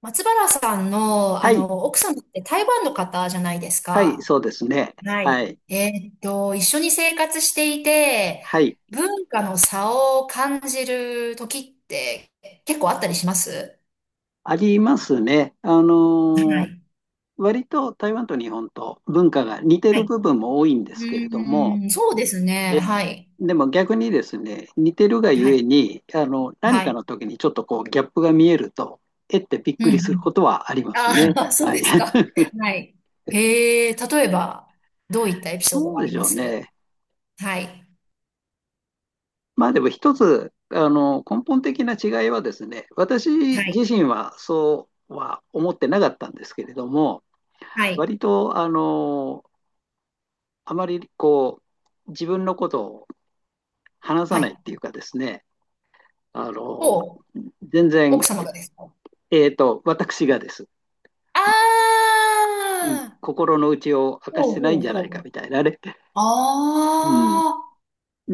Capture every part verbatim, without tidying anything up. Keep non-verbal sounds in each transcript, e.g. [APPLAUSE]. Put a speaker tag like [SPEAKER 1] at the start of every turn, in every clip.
[SPEAKER 1] 松原さんの、
[SPEAKER 2] は
[SPEAKER 1] あ
[SPEAKER 2] い、
[SPEAKER 1] の、奥さんって台湾の方じゃないです
[SPEAKER 2] はい、
[SPEAKER 1] か。
[SPEAKER 2] そうですね。
[SPEAKER 1] は
[SPEAKER 2] は
[SPEAKER 1] い。
[SPEAKER 2] い、
[SPEAKER 1] えーっと、一緒に生活していて、
[SPEAKER 2] はい、
[SPEAKER 1] 文化の差を感じる時って結構あったりします。
[SPEAKER 2] ありますね。あ
[SPEAKER 1] は
[SPEAKER 2] のー
[SPEAKER 1] い。
[SPEAKER 2] 割と台湾と日本と文化が似て
[SPEAKER 1] は
[SPEAKER 2] る
[SPEAKER 1] い。
[SPEAKER 2] 部分も多いんで
[SPEAKER 1] う
[SPEAKER 2] すけれども、
[SPEAKER 1] ーん、そうですね。
[SPEAKER 2] え
[SPEAKER 1] は
[SPEAKER 2] ー
[SPEAKER 1] い。
[SPEAKER 2] でも逆にですね、似てるが
[SPEAKER 1] は
[SPEAKER 2] ゆえ
[SPEAKER 1] い。
[SPEAKER 2] に、あの、何
[SPEAKER 1] は
[SPEAKER 2] かの
[SPEAKER 1] い。
[SPEAKER 2] 時にちょっとこうギャップが見えると、えってびっ
[SPEAKER 1] うん
[SPEAKER 2] くり
[SPEAKER 1] う
[SPEAKER 2] する
[SPEAKER 1] ん。
[SPEAKER 2] ことはあります
[SPEAKER 1] あ
[SPEAKER 2] ね。
[SPEAKER 1] あ、[LAUGHS] そう
[SPEAKER 2] はい。
[SPEAKER 1] ですか。
[SPEAKER 2] [LAUGHS]
[SPEAKER 1] はい。へえ、例えば、どういったエピソード
[SPEAKER 2] ど
[SPEAKER 1] が
[SPEAKER 2] う
[SPEAKER 1] あ
[SPEAKER 2] で
[SPEAKER 1] り
[SPEAKER 2] し
[SPEAKER 1] ま
[SPEAKER 2] ょう
[SPEAKER 1] す？
[SPEAKER 2] ね。
[SPEAKER 1] はい。
[SPEAKER 2] まあでも一つ、あの、根本的な違いはですね、私
[SPEAKER 1] はい。
[SPEAKER 2] 自身はそうは思ってなかったんですけれども、
[SPEAKER 1] はい。
[SPEAKER 2] 割と、あの、あまりこう、自分のことを話さ
[SPEAKER 1] は
[SPEAKER 2] ないっ
[SPEAKER 1] い。
[SPEAKER 2] ていうかですね、あの、
[SPEAKER 1] お、
[SPEAKER 2] 全然、
[SPEAKER 1] 奥様がですか？
[SPEAKER 2] えっと、私がです。
[SPEAKER 1] あ
[SPEAKER 2] うん、
[SPEAKER 1] あ、
[SPEAKER 2] 心の内を明か
[SPEAKER 1] ほ
[SPEAKER 2] し
[SPEAKER 1] う
[SPEAKER 2] てない
[SPEAKER 1] ほ
[SPEAKER 2] ん
[SPEAKER 1] う
[SPEAKER 2] じゃない
[SPEAKER 1] ほ
[SPEAKER 2] かみ
[SPEAKER 1] う。
[SPEAKER 2] たいなね。
[SPEAKER 1] あ
[SPEAKER 2] うん。
[SPEAKER 1] あ、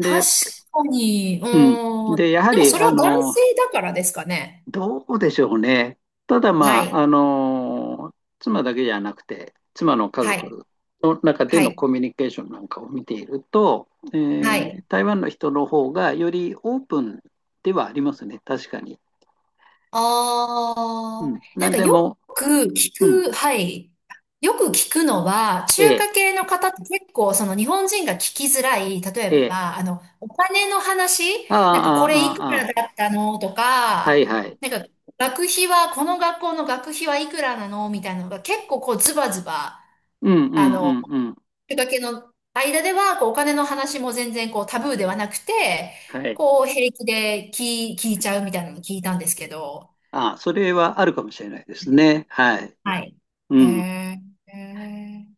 [SPEAKER 1] 確かに、う
[SPEAKER 2] うん。
[SPEAKER 1] ーん。
[SPEAKER 2] で、やは
[SPEAKER 1] でも
[SPEAKER 2] り、
[SPEAKER 1] それ
[SPEAKER 2] あ
[SPEAKER 1] は男
[SPEAKER 2] の、
[SPEAKER 1] 性だからですかね。
[SPEAKER 2] どうでしょうね。ただ
[SPEAKER 1] は
[SPEAKER 2] まあ、あ
[SPEAKER 1] い、
[SPEAKER 2] の妻だけじゃなくて、妻の家
[SPEAKER 1] はい、
[SPEAKER 2] 族の中で
[SPEAKER 1] は
[SPEAKER 2] の
[SPEAKER 1] い、
[SPEAKER 2] コミュニケーションなんかを見ていると、え
[SPEAKER 1] は
[SPEAKER 2] ー
[SPEAKER 1] い。
[SPEAKER 2] 台湾の人の方がよりオープンではありますね、確かに。う
[SPEAKER 1] ああ、
[SPEAKER 2] ん、
[SPEAKER 1] なん
[SPEAKER 2] 何
[SPEAKER 1] か
[SPEAKER 2] で
[SPEAKER 1] よ
[SPEAKER 2] も、
[SPEAKER 1] く聞
[SPEAKER 2] うん、
[SPEAKER 1] く、はい。よく聞くのは、中
[SPEAKER 2] ええ、
[SPEAKER 1] 華系の方って結構その日本人が聞きづらい、例え
[SPEAKER 2] ええ、
[SPEAKER 1] ば、あの、お金の話、
[SPEAKER 2] ああ、
[SPEAKER 1] なんかこれいく
[SPEAKER 2] ああ、ああ、
[SPEAKER 1] らだったのと
[SPEAKER 2] は
[SPEAKER 1] か、
[SPEAKER 2] い、はい。
[SPEAKER 1] なんか学費は、この学校の学費はいくらなのみたいなのが結構こうズバズバ、
[SPEAKER 2] うん、う
[SPEAKER 1] あ
[SPEAKER 2] ん、う
[SPEAKER 1] の、
[SPEAKER 2] ん、うん。
[SPEAKER 1] 中華系の間では、こうお金の話も全然こうタブーではなくて、
[SPEAKER 2] はい。
[SPEAKER 1] こう平気で聞い、聞いちゃうみたいなのを聞いたんですけど、
[SPEAKER 2] ああ、それはあるかもしれないですね。はい。
[SPEAKER 1] はい。へ
[SPEAKER 2] うん、
[SPEAKER 1] え。へえ。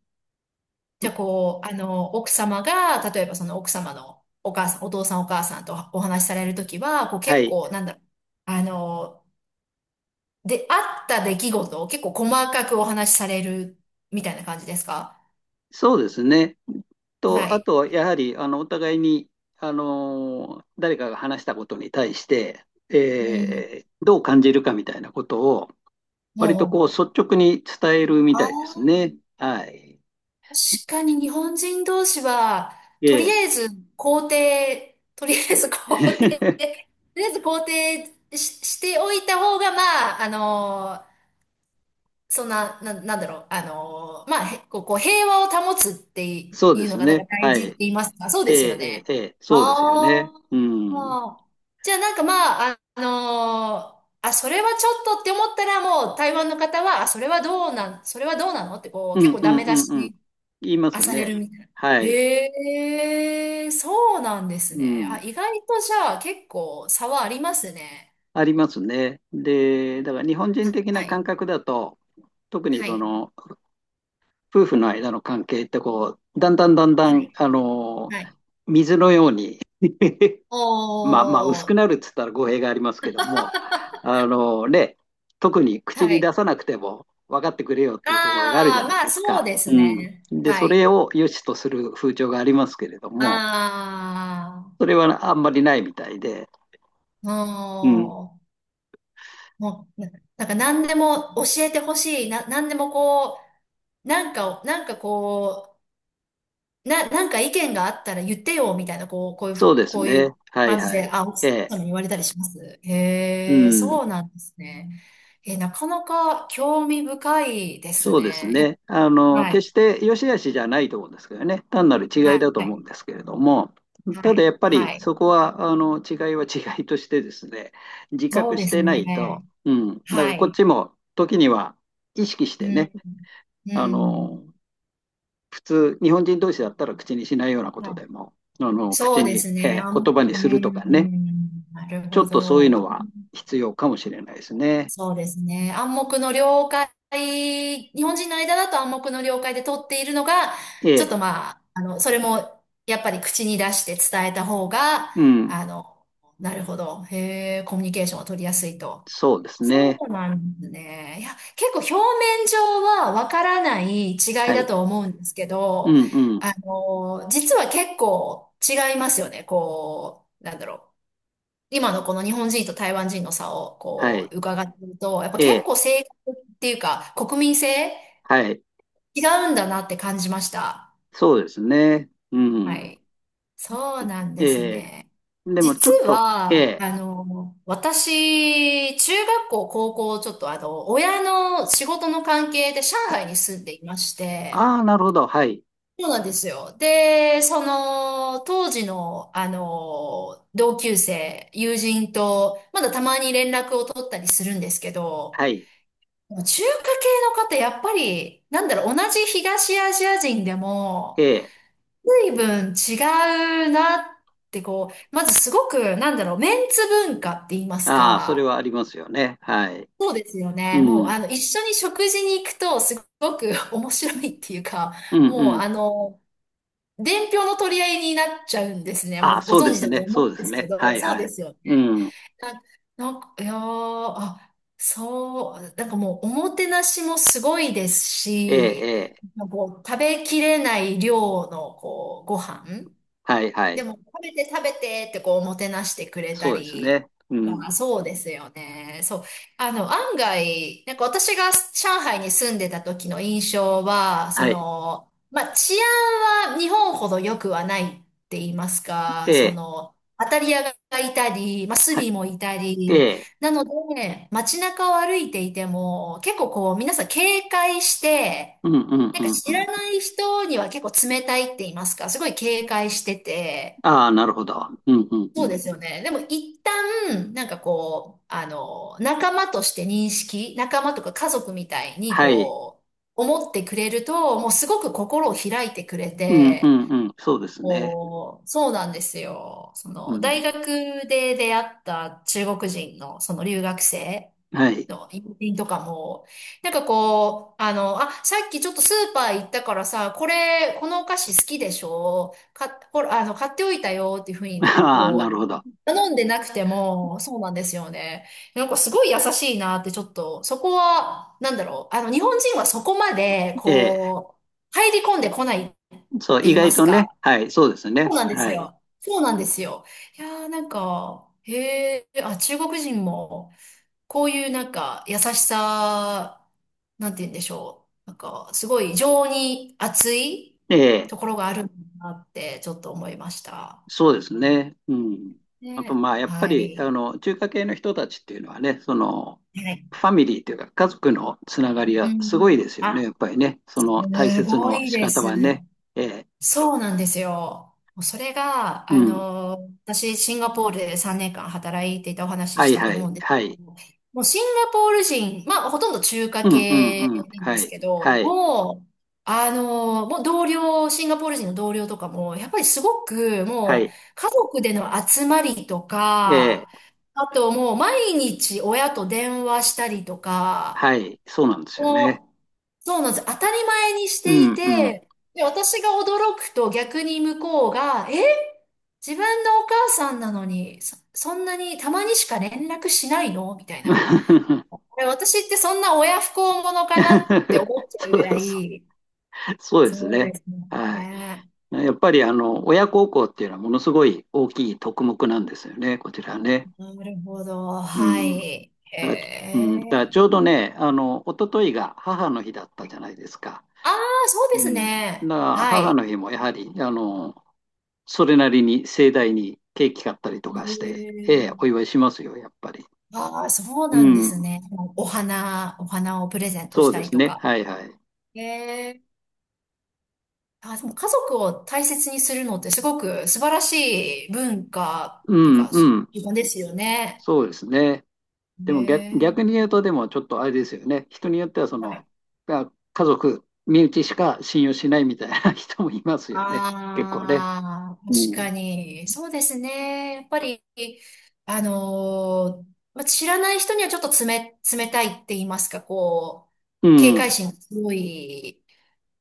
[SPEAKER 1] じゃあ、こう、あの、奥様が、例えばその奥様のお母さん、お父さんお母さんとお話しされるときは、こう
[SPEAKER 2] は
[SPEAKER 1] 結
[SPEAKER 2] い。
[SPEAKER 1] 構、なんだろう、あの、で、あった出来事を結構細かくお話しされるみたいな感じですか？
[SPEAKER 2] そうですね。
[SPEAKER 1] は
[SPEAKER 2] と、あ
[SPEAKER 1] い。
[SPEAKER 2] とはやはり、あの、お互いに、あの、誰かが話したことに対して、
[SPEAKER 1] うん。
[SPEAKER 2] えーどう感じるかみたいなことを、
[SPEAKER 1] ほう
[SPEAKER 2] 割
[SPEAKER 1] ほ
[SPEAKER 2] と
[SPEAKER 1] う
[SPEAKER 2] こう、
[SPEAKER 1] ほ
[SPEAKER 2] 率直に伝えるみ
[SPEAKER 1] う。あ
[SPEAKER 2] たいです
[SPEAKER 1] あ、
[SPEAKER 2] ね。はい。
[SPEAKER 1] 確かに日本人同士は、
[SPEAKER 2] え
[SPEAKER 1] とり
[SPEAKER 2] え。
[SPEAKER 1] あえず肯定、とりあえず肯定、と
[SPEAKER 2] [LAUGHS]
[SPEAKER 1] りあえず肯定し、しておいた方が、まあ、あの、そんな、な、なんだろう、あのーまあ、へこう、こう平和を保つって
[SPEAKER 2] そうで
[SPEAKER 1] いうの
[SPEAKER 2] す
[SPEAKER 1] がなんか
[SPEAKER 2] ね。
[SPEAKER 1] 大
[SPEAKER 2] はい。
[SPEAKER 1] 事って
[SPEAKER 2] え
[SPEAKER 1] 言いますか、そう
[SPEAKER 2] え、
[SPEAKER 1] ですよ
[SPEAKER 2] ええ、
[SPEAKER 1] ね。
[SPEAKER 2] ええ、そうですよね。
[SPEAKER 1] あ
[SPEAKER 2] うん。うん、
[SPEAKER 1] あ。じゃあなんかまあ、あのーあ、それはちょっとって思ったらもう台湾の方は、あ、それはどうなん、それはどうなのってこう、
[SPEAKER 2] う
[SPEAKER 1] 結
[SPEAKER 2] ん、
[SPEAKER 1] 構
[SPEAKER 2] う
[SPEAKER 1] ダ
[SPEAKER 2] ん、
[SPEAKER 1] メ出
[SPEAKER 2] うん。
[SPEAKER 1] し
[SPEAKER 2] 言いま
[SPEAKER 1] あ
[SPEAKER 2] す
[SPEAKER 1] され
[SPEAKER 2] ね。
[SPEAKER 1] るみたいな。
[SPEAKER 2] はい。
[SPEAKER 1] へえ、そうなんです
[SPEAKER 2] う
[SPEAKER 1] ね。あ、
[SPEAKER 2] ん。
[SPEAKER 1] 意外とじゃあ結構差はありますね。
[SPEAKER 2] ありますね。で、だから日本人的
[SPEAKER 1] は
[SPEAKER 2] な感
[SPEAKER 1] い。
[SPEAKER 2] 覚だと、特に
[SPEAKER 1] は
[SPEAKER 2] そ
[SPEAKER 1] い。
[SPEAKER 2] の夫婦の間の関係ってこう、だんだんだんだ
[SPEAKER 1] は
[SPEAKER 2] ん、
[SPEAKER 1] い。
[SPEAKER 2] あの
[SPEAKER 1] は
[SPEAKER 2] ー
[SPEAKER 1] い。
[SPEAKER 2] 水のように [LAUGHS] まあまあ薄
[SPEAKER 1] お
[SPEAKER 2] く
[SPEAKER 1] ー。
[SPEAKER 2] なるっつったら語弊がありますけども、
[SPEAKER 1] [LAUGHS]
[SPEAKER 2] あのーね、特に口
[SPEAKER 1] は
[SPEAKER 2] に出
[SPEAKER 1] い。
[SPEAKER 2] さなくても分かってくれよっていうところがあるじ
[SPEAKER 1] あ
[SPEAKER 2] ゃ
[SPEAKER 1] あ、
[SPEAKER 2] ない
[SPEAKER 1] まあ
[SPEAKER 2] です
[SPEAKER 1] そう
[SPEAKER 2] か。
[SPEAKER 1] です
[SPEAKER 2] うん。
[SPEAKER 1] ね。
[SPEAKER 2] で、
[SPEAKER 1] は
[SPEAKER 2] そ
[SPEAKER 1] い。
[SPEAKER 2] れを良しとする風潮がありますけれども、
[SPEAKER 1] あ
[SPEAKER 2] それはあんまりないみたいで、
[SPEAKER 1] あ、
[SPEAKER 2] うん。
[SPEAKER 1] もう、もう、ななんか何でも教えてほしい。な、何でもこう、なんかなんかこう、な、なんか意見があったら言ってよ、みたいな、こう、こうい
[SPEAKER 2] そ
[SPEAKER 1] う、
[SPEAKER 2] うです
[SPEAKER 1] こうい
[SPEAKER 2] ね。
[SPEAKER 1] う
[SPEAKER 2] はい、
[SPEAKER 1] 感じ
[SPEAKER 2] は
[SPEAKER 1] で、
[SPEAKER 2] い。
[SPEAKER 1] あ、奥
[SPEAKER 2] ええ。
[SPEAKER 1] 様に言われたりします。
[SPEAKER 2] う
[SPEAKER 1] へえ、
[SPEAKER 2] ん。
[SPEAKER 1] そうなんですね。え、なかなか興味深いです
[SPEAKER 2] そうです
[SPEAKER 1] ね。
[SPEAKER 2] ね。あ
[SPEAKER 1] え、
[SPEAKER 2] の、
[SPEAKER 1] はい。
[SPEAKER 2] 決して良し悪しじゃないと思うんですけどね。単なる違
[SPEAKER 1] は
[SPEAKER 2] いだと思うん
[SPEAKER 1] い。は
[SPEAKER 2] ですけれども、ただ
[SPEAKER 1] い。
[SPEAKER 2] やっぱり
[SPEAKER 1] はい。
[SPEAKER 2] そこは、あの、違いは違いとしてですね、自
[SPEAKER 1] そう
[SPEAKER 2] 覚
[SPEAKER 1] で
[SPEAKER 2] し
[SPEAKER 1] す
[SPEAKER 2] てない
[SPEAKER 1] ね。
[SPEAKER 2] と、うん。だから
[SPEAKER 1] は
[SPEAKER 2] こっ
[SPEAKER 1] い。
[SPEAKER 2] ちも時には意識し
[SPEAKER 1] う
[SPEAKER 2] てね、
[SPEAKER 1] ん、
[SPEAKER 2] あ
[SPEAKER 1] うん。
[SPEAKER 2] の、普通、日本人同士だったら口にしないようなこ
[SPEAKER 1] は
[SPEAKER 2] と
[SPEAKER 1] い。
[SPEAKER 2] でも、あの、
[SPEAKER 1] そ
[SPEAKER 2] 口
[SPEAKER 1] うで
[SPEAKER 2] に、
[SPEAKER 1] すね。
[SPEAKER 2] え
[SPEAKER 1] あ
[SPEAKER 2] ー言
[SPEAKER 1] ん、
[SPEAKER 2] 葉に
[SPEAKER 1] う
[SPEAKER 2] するとかね、
[SPEAKER 1] ん、なる
[SPEAKER 2] ちょ
[SPEAKER 1] ほ
[SPEAKER 2] っとそういう
[SPEAKER 1] ど。
[SPEAKER 2] のは必要かもしれないですね。
[SPEAKER 1] そうですね。暗黙の了解、日本人の間だと暗黙の了解で取っているのが、
[SPEAKER 2] え
[SPEAKER 1] ちょっ
[SPEAKER 2] え、
[SPEAKER 1] とまあ、あの、それもやっぱり口に出して伝えた方が、
[SPEAKER 2] うん、
[SPEAKER 1] あの、なるほど。へえ、コミュニケーションを取りやすいと。
[SPEAKER 2] そうです
[SPEAKER 1] そ
[SPEAKER 2] ね。
[SPEAKER 1] うなんですね。いや、結構表面上はわからない違い
[SPEAKER 2] は
[SPEAKER 1] だ
[SPEAKER 2] い。
[SPEAKER 1] と思うんですけ
[SPEAKER 2] うん、
[SPEAKER 1] ど、
[SPEAKER 2] うん、
[SPEAKER 1] あの、実は結構違いますよね。こう、なんだろう。今のこの日本人と台湾人の差を
[SPEAKER 2] は
[SPEAKER 1] こ
[SPEAKER 2] い。
[SPEAKER 1] う伺っていると、やっぱ
[SPEAKER 2] え
[SPEAKER 1] 結
[SPEAKER 2] え、
[SPEAKER 1] 構性格っていうか国民性
[SPEAKER 2] はい、
[SPEAKER 1] 違うんだなって感じました。
[SPEAKER 2] そうですね。う
[SPEAKER 1] は
[SPEAKER 2] ん。
[SPEAKER 1] い。そうなんです
[SPEAKER 2] ええ、
[SPEAKER 1] ね。
[SPEAKER 2] でもち
[SPEAKER 1] 実
[SPEAKER 2] ょっと、え
[SPEAKER 1] は、
[SPEAKER 2] え、
[SPEAKER 1] あの、私、中学校、高校、ちょっとあの、親の仕事の関係で上海に住んでいまして、
[SPEAKER 2] ああー、なるほど、はい、
[SPEAKER 1] そうなんですよ。で、その、当時の、あの、同級生、友人と、まだたまに連絡を取ったりするんですけど、
[SPEAKER 2] はい、
[SPEAKER 1] 中華系の方、やっぱり、なんだろう、同じ東アジア人で
[SPEAKER 2] え
[SPEAKER 1] も、
[SPEAKER 2] え、
[SPEAKER 1] 随分違うなってこう、まずすごく、なんだろう、メンツ文化って言います
[SPEAKER 2] ああ、それ
[SPEAKER 1] か。
[SPEAKER 2] はありますよね。はい。
[SPEAKER 1] そうですよね。も
[SPEAKER 2] う
[SPEAKER 1] う、
[SPEAKER 2] ん、
[SPEAKER 1] あの、一緒に食事に行くと、すごく [LAUGHS] 面白いっていうか、
[SPEAKER 2] うん、
[SPEAKER 1] もう、
[SPEAKER 2] うん。
[SPEAKER 1] あの、伝票の取り合いになっちゃうんですね。も
[SPEAKER 2] ああ、
[SPEAKER 1] う、ご
[SPEAKER 2] そうで
[SPEAKER 1] 存知
[SPEAKER 2] す
[SPEAKER 1] だと
[SPEAKER 2] ね、そ
[SPEAKER 1] 思
[SPEAKER 2] う
[SPEAKER 1] うん
[SPEAKER 2] で
[SPEAKER 1] で
[SPEAKER 2] す
[SPEAKER 1] すけ
[SPEAKER 2] ね。は
[SPEAKER 1] ど、
[SPEAKER 2] い、
[SPEAKER 1] そう
[SPEAKER 2] は
[SPEAKER 1] で
[SPEAKER 2] い。
[SPEAKER 1] すよ
[SPEAKER 2] う
[SPEAKER 1] ね。
[SPEAKER 2] ん、
[SPEAKER 1] な、なんか、いやー、あ、そう、なんかもう、おもてなしもすごいです
[SPEAKER 2] ええ、え
[SPEAKER 1] し、
[SPEAKER 2] え、
[SPEAKER 1] なんかこう、食べきれない量の、こう、ご飯。
[SPEAKER 2] はい、は
[SPEAKER 1] で
[SPEAKER 2] い。
[SPEAKER 1] も、食べて食べてってこう、おもてなしてくれた
[SPEAKER 2] そうです
[SPEAKER 1] り、
[SPEAKER 2] ね。うん、
[SPEAKER 1] まあ、そうですよね。そう。あの、案外、なんか私が上海に住んでた時の印象は、そ
[SPEAKER 2] はい、
[SPEAKER 1] の、まあ、治安は日本ほど良くはないって言います
[SPEAKER 2] え
[SPEAKER 1] か、そ
[SPEAKER 2] え、
[SPEAKER 1] の、当たり屋がいたり、まあ、ス
[SPEAKER 2] はい、
[SPEAKER 1] リもいた
[SPEAKER 2] え
[SPEAKER 1] り、
[SPEAKER 2] え、
[SPEAKER 1] なので、街中を歩いていても、結構こう、皆さん警戒して、
[SPEAKER 2] うん、うん、
[SPEAKER 1] な
[SPEAKER 2] う
[SPEAKER 1] んか
[SPEAKER 2] ん、う
[SPEAKER 1] 知ら
[SPEAKER 2] ん。
[SPEAKER 1] ない人には結構冷たいって言いますか、すごい警戒してて、
[SPEAKER 2] ああ、なるほど。うん、うん、う
[SPEAKER 1] そう
[SPEAKER 2] ん。
[SPEAKER 1] ですよね。でも一旦、なんかこう、あの、仲間として認識、仲間とか家族みたいに
[SPEAKER 2] はい、
[SPEAKER 1] こう、思ってくれると、もうすごく心を開いてくれ
[SPEAKER 2] うん、う
[SPEAKER 1] て、
[SPEAKER 2] ん、うん、そうですね。
[SPEAKER 1] こう、そうなんですよ。そ
[SPEAKER 2] う
[SPEAKER 1] の、大
[SPEAKER 2] ん、
[SPEAKER 1] 学で出会った中国人のその留学生
[SPEAKER 2] はい。
[SPEAKER 1] の友人とかも、なんかこう、あの、あ、さっきちょっとスーパー行ったからさ、これ、このお菓子好きでしょか、ほら、あの、買っておいたよっていうふう
[SPEAKER 2] [LAUGHS]
[SPEAKER 1] に、
[SPEAKER 2] ああ、
[SPEAKER 1] こ
[SPEAKER 2] な
[SPEAKER 1] う、
[SPEAKER 2] るほど。
[SPEAKER 1] 頼んでなくても、そうなんですよね。なんかすごい優しいなってちょっと、そこは、なんだろう。あの、日本人はそこまで、
[SPEAKER 2] ええ、
[SPEAKER 1] こう、入り込んでこないって
[SPEAKER 2] そう、意
[SPEAKER 1] 言いま
[SPEAKER 2] 外
[SPEAKER 1] す
[SPEAKER 2] とね、
[SPEAKER 1] か。
[SPEAKER 2] はい、そうです
[SPEAKER 1] そう
[SPEAKER 2] ね。
[SPEAKER 1] なんです
[SPEAKER 2] はい。
[SPEAKER 1] よ。そうなんですよ。いやーなんか、へえ、あ、中国人も、こういうなんか、優しさ、なんて言うんでしょう。なんか、すごい情に熱い
[SPEAKER 2] ええ、
[SPEAKER 1] ところがあるんだなって、ちょっと思いました。
[SPEAKER 2] そうですね。うん。あと、
[SPEAKER 1] ね。
[SPEAKER 2] まあ、やっぱ
[SPEAKER 1] は
[SPEAKER 2] り、
[SPEAKER 1] い。
[SPEAKER 2] あの、中華系の人たちっていうのはね、その、
[SPEAKER 1] はい。
[SPEAKER 2] ファミリーというか、家族のつながり
[SPEAKER 1] う
[SPEAKER 2] はす
[SPEAKER 1] ん。
[SPEAKER 2] ごいですよね、
[SPEAKER 1] あ、
[SPEAKER 2] やっぱりね。そ
[SPEAKER 1] す
[SPEAKER 2] の大切
[SPEAKER 1] ご
[SPEAKER 2] の
[SPEAKER 1] い
[SPEAKER 2] 仕
[SPEAKER 1] で
[SPEAKER 2] 方
[SPEAKER 1] す。
[SPEAKER 2] はね。ええ、
[SPEAKER 1] そうなんですよ。もうそれが、
[SPEAKER 2] う
[SPEAKER 1] あ
[SPEAKER 2] ん。
[SPEAKER 1] の、私、シンガポールでさんねんかん働いていたお話
[SPEAKER 2] は
[SPEAKER 1] しし
[SPEAKER 2] い、
[SPEAKER 1] たと
[SPEAKER 2] は
[SPEAKER 1] 思
[SPEAKER 2] い、
[SPEAKER 1] うんです
[SPEAKER 2] は
[SPEAKER 1] け
[SPEAKER 2] い。
[SPEAKER 1] ど、もうシンガポール人、まあ、ほとんど中華
[SPEAKER 2] うん、う
[SPEAKER 1] 系
[SPEAKER 2] ん、うん。
[SPEAKER 1] なん
[SPEAKER 2] は
[SPEAKER 1] です
[SPEAKER 2] い、
[SPEAKER 1] けど、
[SPEAKER 2] はい、
[SPEAKER 1] もう、あの、もう同僚、シンガポール人の同僚とかも、やっぱりすごく、
[SPEAKER 2] は
[SPEAKER 1] もう、
[SPEAKER 2] い。
[SPEAKER 1] 家族での集まりとか、
[SPEAKER 2] ええ、
[SPEAKER 1] あともう毎日親と電話したりとか、
[SPEAKER 2] はい、そうなんですよね。
[SPEAKER 1] もう、そうなんです。当たり前にし
[SPEAKER 2] う
[SPEAKER 1] てい
[SPEAKER 2] ん、うん。
[SPEAKER 1] て、で、私が驚くと逆に向こうが、え、自分のお母さんなのに、そ、そんなにたまにしか連絡しないのみたいな。
[SPEAKER 2] [LAUGHS]
[SPEAKER 1] え、私ってそんな親不孝者かなって思っちゃう
[SPEAKER 2] そ
[SPEAKER 1] ぐら
[SPEAKER 2] う、そ
[SPEAKER 1] い。
[SPEAKER 2] う、そうです
[SPEAKER 1] そう
[SPEAKER 2] ね。
[SPEAKER 1] ですもん
[SPEAKER 2] はい。
[SPEAKER 1] ね。
[SPEAKER 2] やっぱりあの親孝行っていうのはものすごい大きい特目なんですよね、こちらね。
[SPEAKER 1] なるほど。
[SPEAKER 2] う
[SPEAKER 1] は
[SPEAKER 2] ん。だ、
[SPEAKER 1] い。へ
[SPEAKER 2] うん、だからち
[SPEAKER 1] え。
[SPEAKER 2] ょうどね、あの、一昨日が母の日だったじゃないですか。
[SPEAKER 1] ああ、そう
[SPEAKER 2] う
[SPEAKER 1] です
[SPEAKER 2] ん。だか
[SPEAKER 1] ね。
[SPEAKER 2] ら
[SPEAKER 1] は
[SPEAKER 2] 母
[SPEAKER 1] い。
[SPEAKER 2] の日もやはり、あの、それなりに盛大にケーキ買ったりと
[SPEAKER 1] へ
[SPEAKER 2] かして、ええ、お
[SPEAKER 1] え。
[SPEAKER 2] 祝いしますよ、やっぱり。
[SPEAKER 1] ああ、そう
[SPEAKER 2] う
[SPEAKER 1] なんです
[SPEAKER 2] ん。
[SPEAKER 1] ね。お花、お花をプレゼント
[SPEAKER 2] そ
[SPEAKER 1] し
[SPEAKER 2] う
[SPEAKER 1] た
[SPEAKER 2] で
[SPEAKER 1] り
[SPEAKER 2] す
[SPEAKER 1] と
[SPEAKER 2] ね。
[SPEAKER 1] か。
[SPEAKER 2] はい、はい。
[SPEAKER 1] へえ。あ、でも家族を大切にするのってすごく素晴らしい文化
[SPEAKER 2] う
[SPEAKER 1] っていう
[SPEAKER 2] ん、
[SPEAKER 1] か、
[SPEAKER 2] う
[SPEAKER 1] 習
[SPEAKER 2] ん。
[SPEAKER 1] 慣ですよね。
[SPEAKER 2] そうですね。で
[SPEAKER 1] え
[SPEAKER 2] も逆、逆に
[SPEAKER 1] え。
[SPEAKER 2] 言うと、でもちょっとあれですよね。人によっては、そ
[SPEAKER 1] は
[SPEAKER 2] の、
[SPEAKER 1] い。
[SPEAKER 2] が家族、身内しか信用しないみたいな [LAUGHS] 人もいますよね。結構ね。
[SPEAKER 1] ああ、
[SPEAKER 2] う
[SPEAKER 1] 確
[SPEAKER 2] ん。
[SPEAKER 1] かに。そうですね。やっぱり、あのーまあ、知らない人にはちょっと冷、冷たいって言いますか、こう、
[SPEAKER 2] う
[SPEAKER 1] 警戒
[SPEAKER 2] ん。
[SPEAKER 1] 心が強い。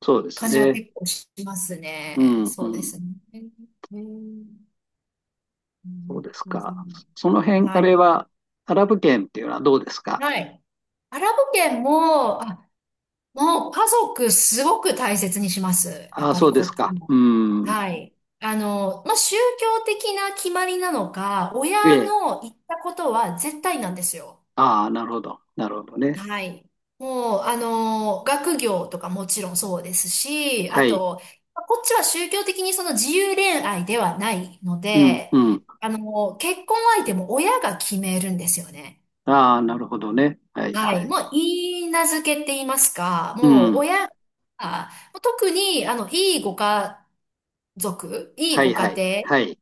[SPEAKER 2] そうです
[SPEAKER 1] 感じは
[SPEAKER 2] ね。
[SPEAKER 1] 結構します
[SPEAKER 2] う
[SPEAKER 1] ね。
[SPEAKER 2] ん、う
[SPEAKER 1] そうです
[SPEAKER 2] ん。
[SPEAKER 1] ね。えー、えー、う、う
[SPEAKER 2] そうで
[SPEAKER 1] ん、
[SPEAKER 2] す
[SPEAKER 1] う
[SPEAKER 2] か。
[SPEAKER 1] ん、
[SPEAKER 2] その辺、あ
[SPEAKER 1] は
[SPEAKER 2] れ
[SPEAKER 1] い。
[SPEAKER 2] は、アラブ圏っていうのはどうですか？
[SPEAKER 1] はい。アラブ圏も、あ、もう家族すごく大切にします。やっ
[SPEAKER 2] ああ、
[SPEAKER 1] ぱ
[SPEAKER 2] そ
[SPEAKER 1] り
[SPEAKER 2] うで
[SPEAKER 1] こ
[SPEAKER 2] す
[SPEAKER 1] っち
[SPEAKER 2] か。
[SPEAKER 1] も。
[SPEAKER 2] うん。
[SPEAKER 1] はい。あの、まあ、宗教的な決まりなのか、親
[SPEAKER 2] ええ。
[SPEAKER 1] の言ったことは絶対なんですよ。
[SPEAKER 2] ああ、なるほど。なるほどね。
[SPEAKER 1] はい。もう、あの、学業とかもちろんそうですし、あ
[SPEAKER 2] はい。
[SPEAKER 1] と、こっちは宗教的にその自由恋愛ではないの
[SPEAKER 2] うん、
[SPEAKER 1] で、
[SPEAKER 2] うん。
[SPEAKER 1] あの、結婚相手も親が決めるんですよね。
[SPEAKER 2] ああ、なるほどね。はい、
[SPEAKER 1] は
[SPEAKER 2] は
[SPEAKER 1] い。
[SPEAKER 2] い。
[SPEAKER 1] もう、いいなずけって言いますか、
[SPEAKER 2] う
[SPEAKER 1] もう、
[SPEAKER 2] ん。
[SPEAKER 1] 親が、特に、あの、いいご家族、いい
[SPEAKER 2] はい、
[SPEAKER 1] ご
[SPEAKER 2] は
[SPEAKER 1] 家
[SPEAKER 2] い。
[SPEAKER 1] 庭
[SPEAKER 2] はい。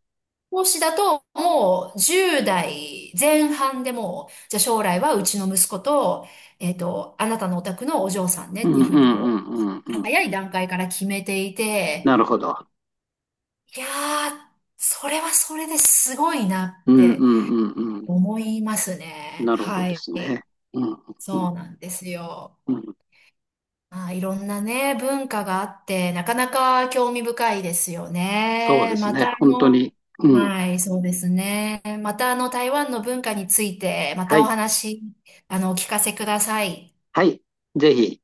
[SPEAKER 1] 投資だと、もうじゅう代前半でもう、じゃあ将来はうちの息子と、えっと、あなたのお宅のお嬢さんね
[SPEAKER 2] う
[SPEAKER 1] っ
[SPEAKER 2] ん、う
[SPEAKER 1] ていうふ
[SPEAKER 2] ん、
[SPEAKER 1] う
[SPEAKER 2] う
[SPEAKER 1] にこ
[SPEAKER 2] ん、
[SPEAKER 1] う、
[SPEAKER 2] うん、うん。
[SPEAKER 1] 早い段階から決めていて、
[SPEAKER 2] なるほど。
[SPEAKER 1] いやー、それはそれですごいな
[SPEAKER 2] う
[SPEAKER 1] っ
[SPEAKER 2] ん、うん、う
[SPEAKER 1] て
[SPEAKER 2] ん、うん。
[SPEAKER 1] 思いますね。
[SPEAKER 2] なるほど
[SPEAKER 1] は
[SPEAKER 2] で
[SPEAKER 1] い。
[SPEAKER 2] すね。うん、うん、
[SPEAKER 1] そうなんですよ。
[SPEAKER 2] うん、うん。
[SPEAKER 1] まあ、いろんなね、文化があって、なかなか興味深いですよ
[SPEAKER 2] そうで
[SPEAKER 1] ね。
[SPEAKER 2] す
[SPEAKER 1] また
[SPEAKER 2] ね。
[SPEAKER 1] あ
[SPEAKER 2] 本当
[SPEAKER 1] の、
[SPEAKER 2] に。うん。
[SPEAKER 1] はい、そうですね。またあの、台湾の文化について、ま
[SPEAKER 2] は
[SPEAKER 1] たお
[SPEAKER 2] い。
[SPEAKER 1] 話、あの、お聞かせください。
[SPEAKER 2] はい。ぜひ。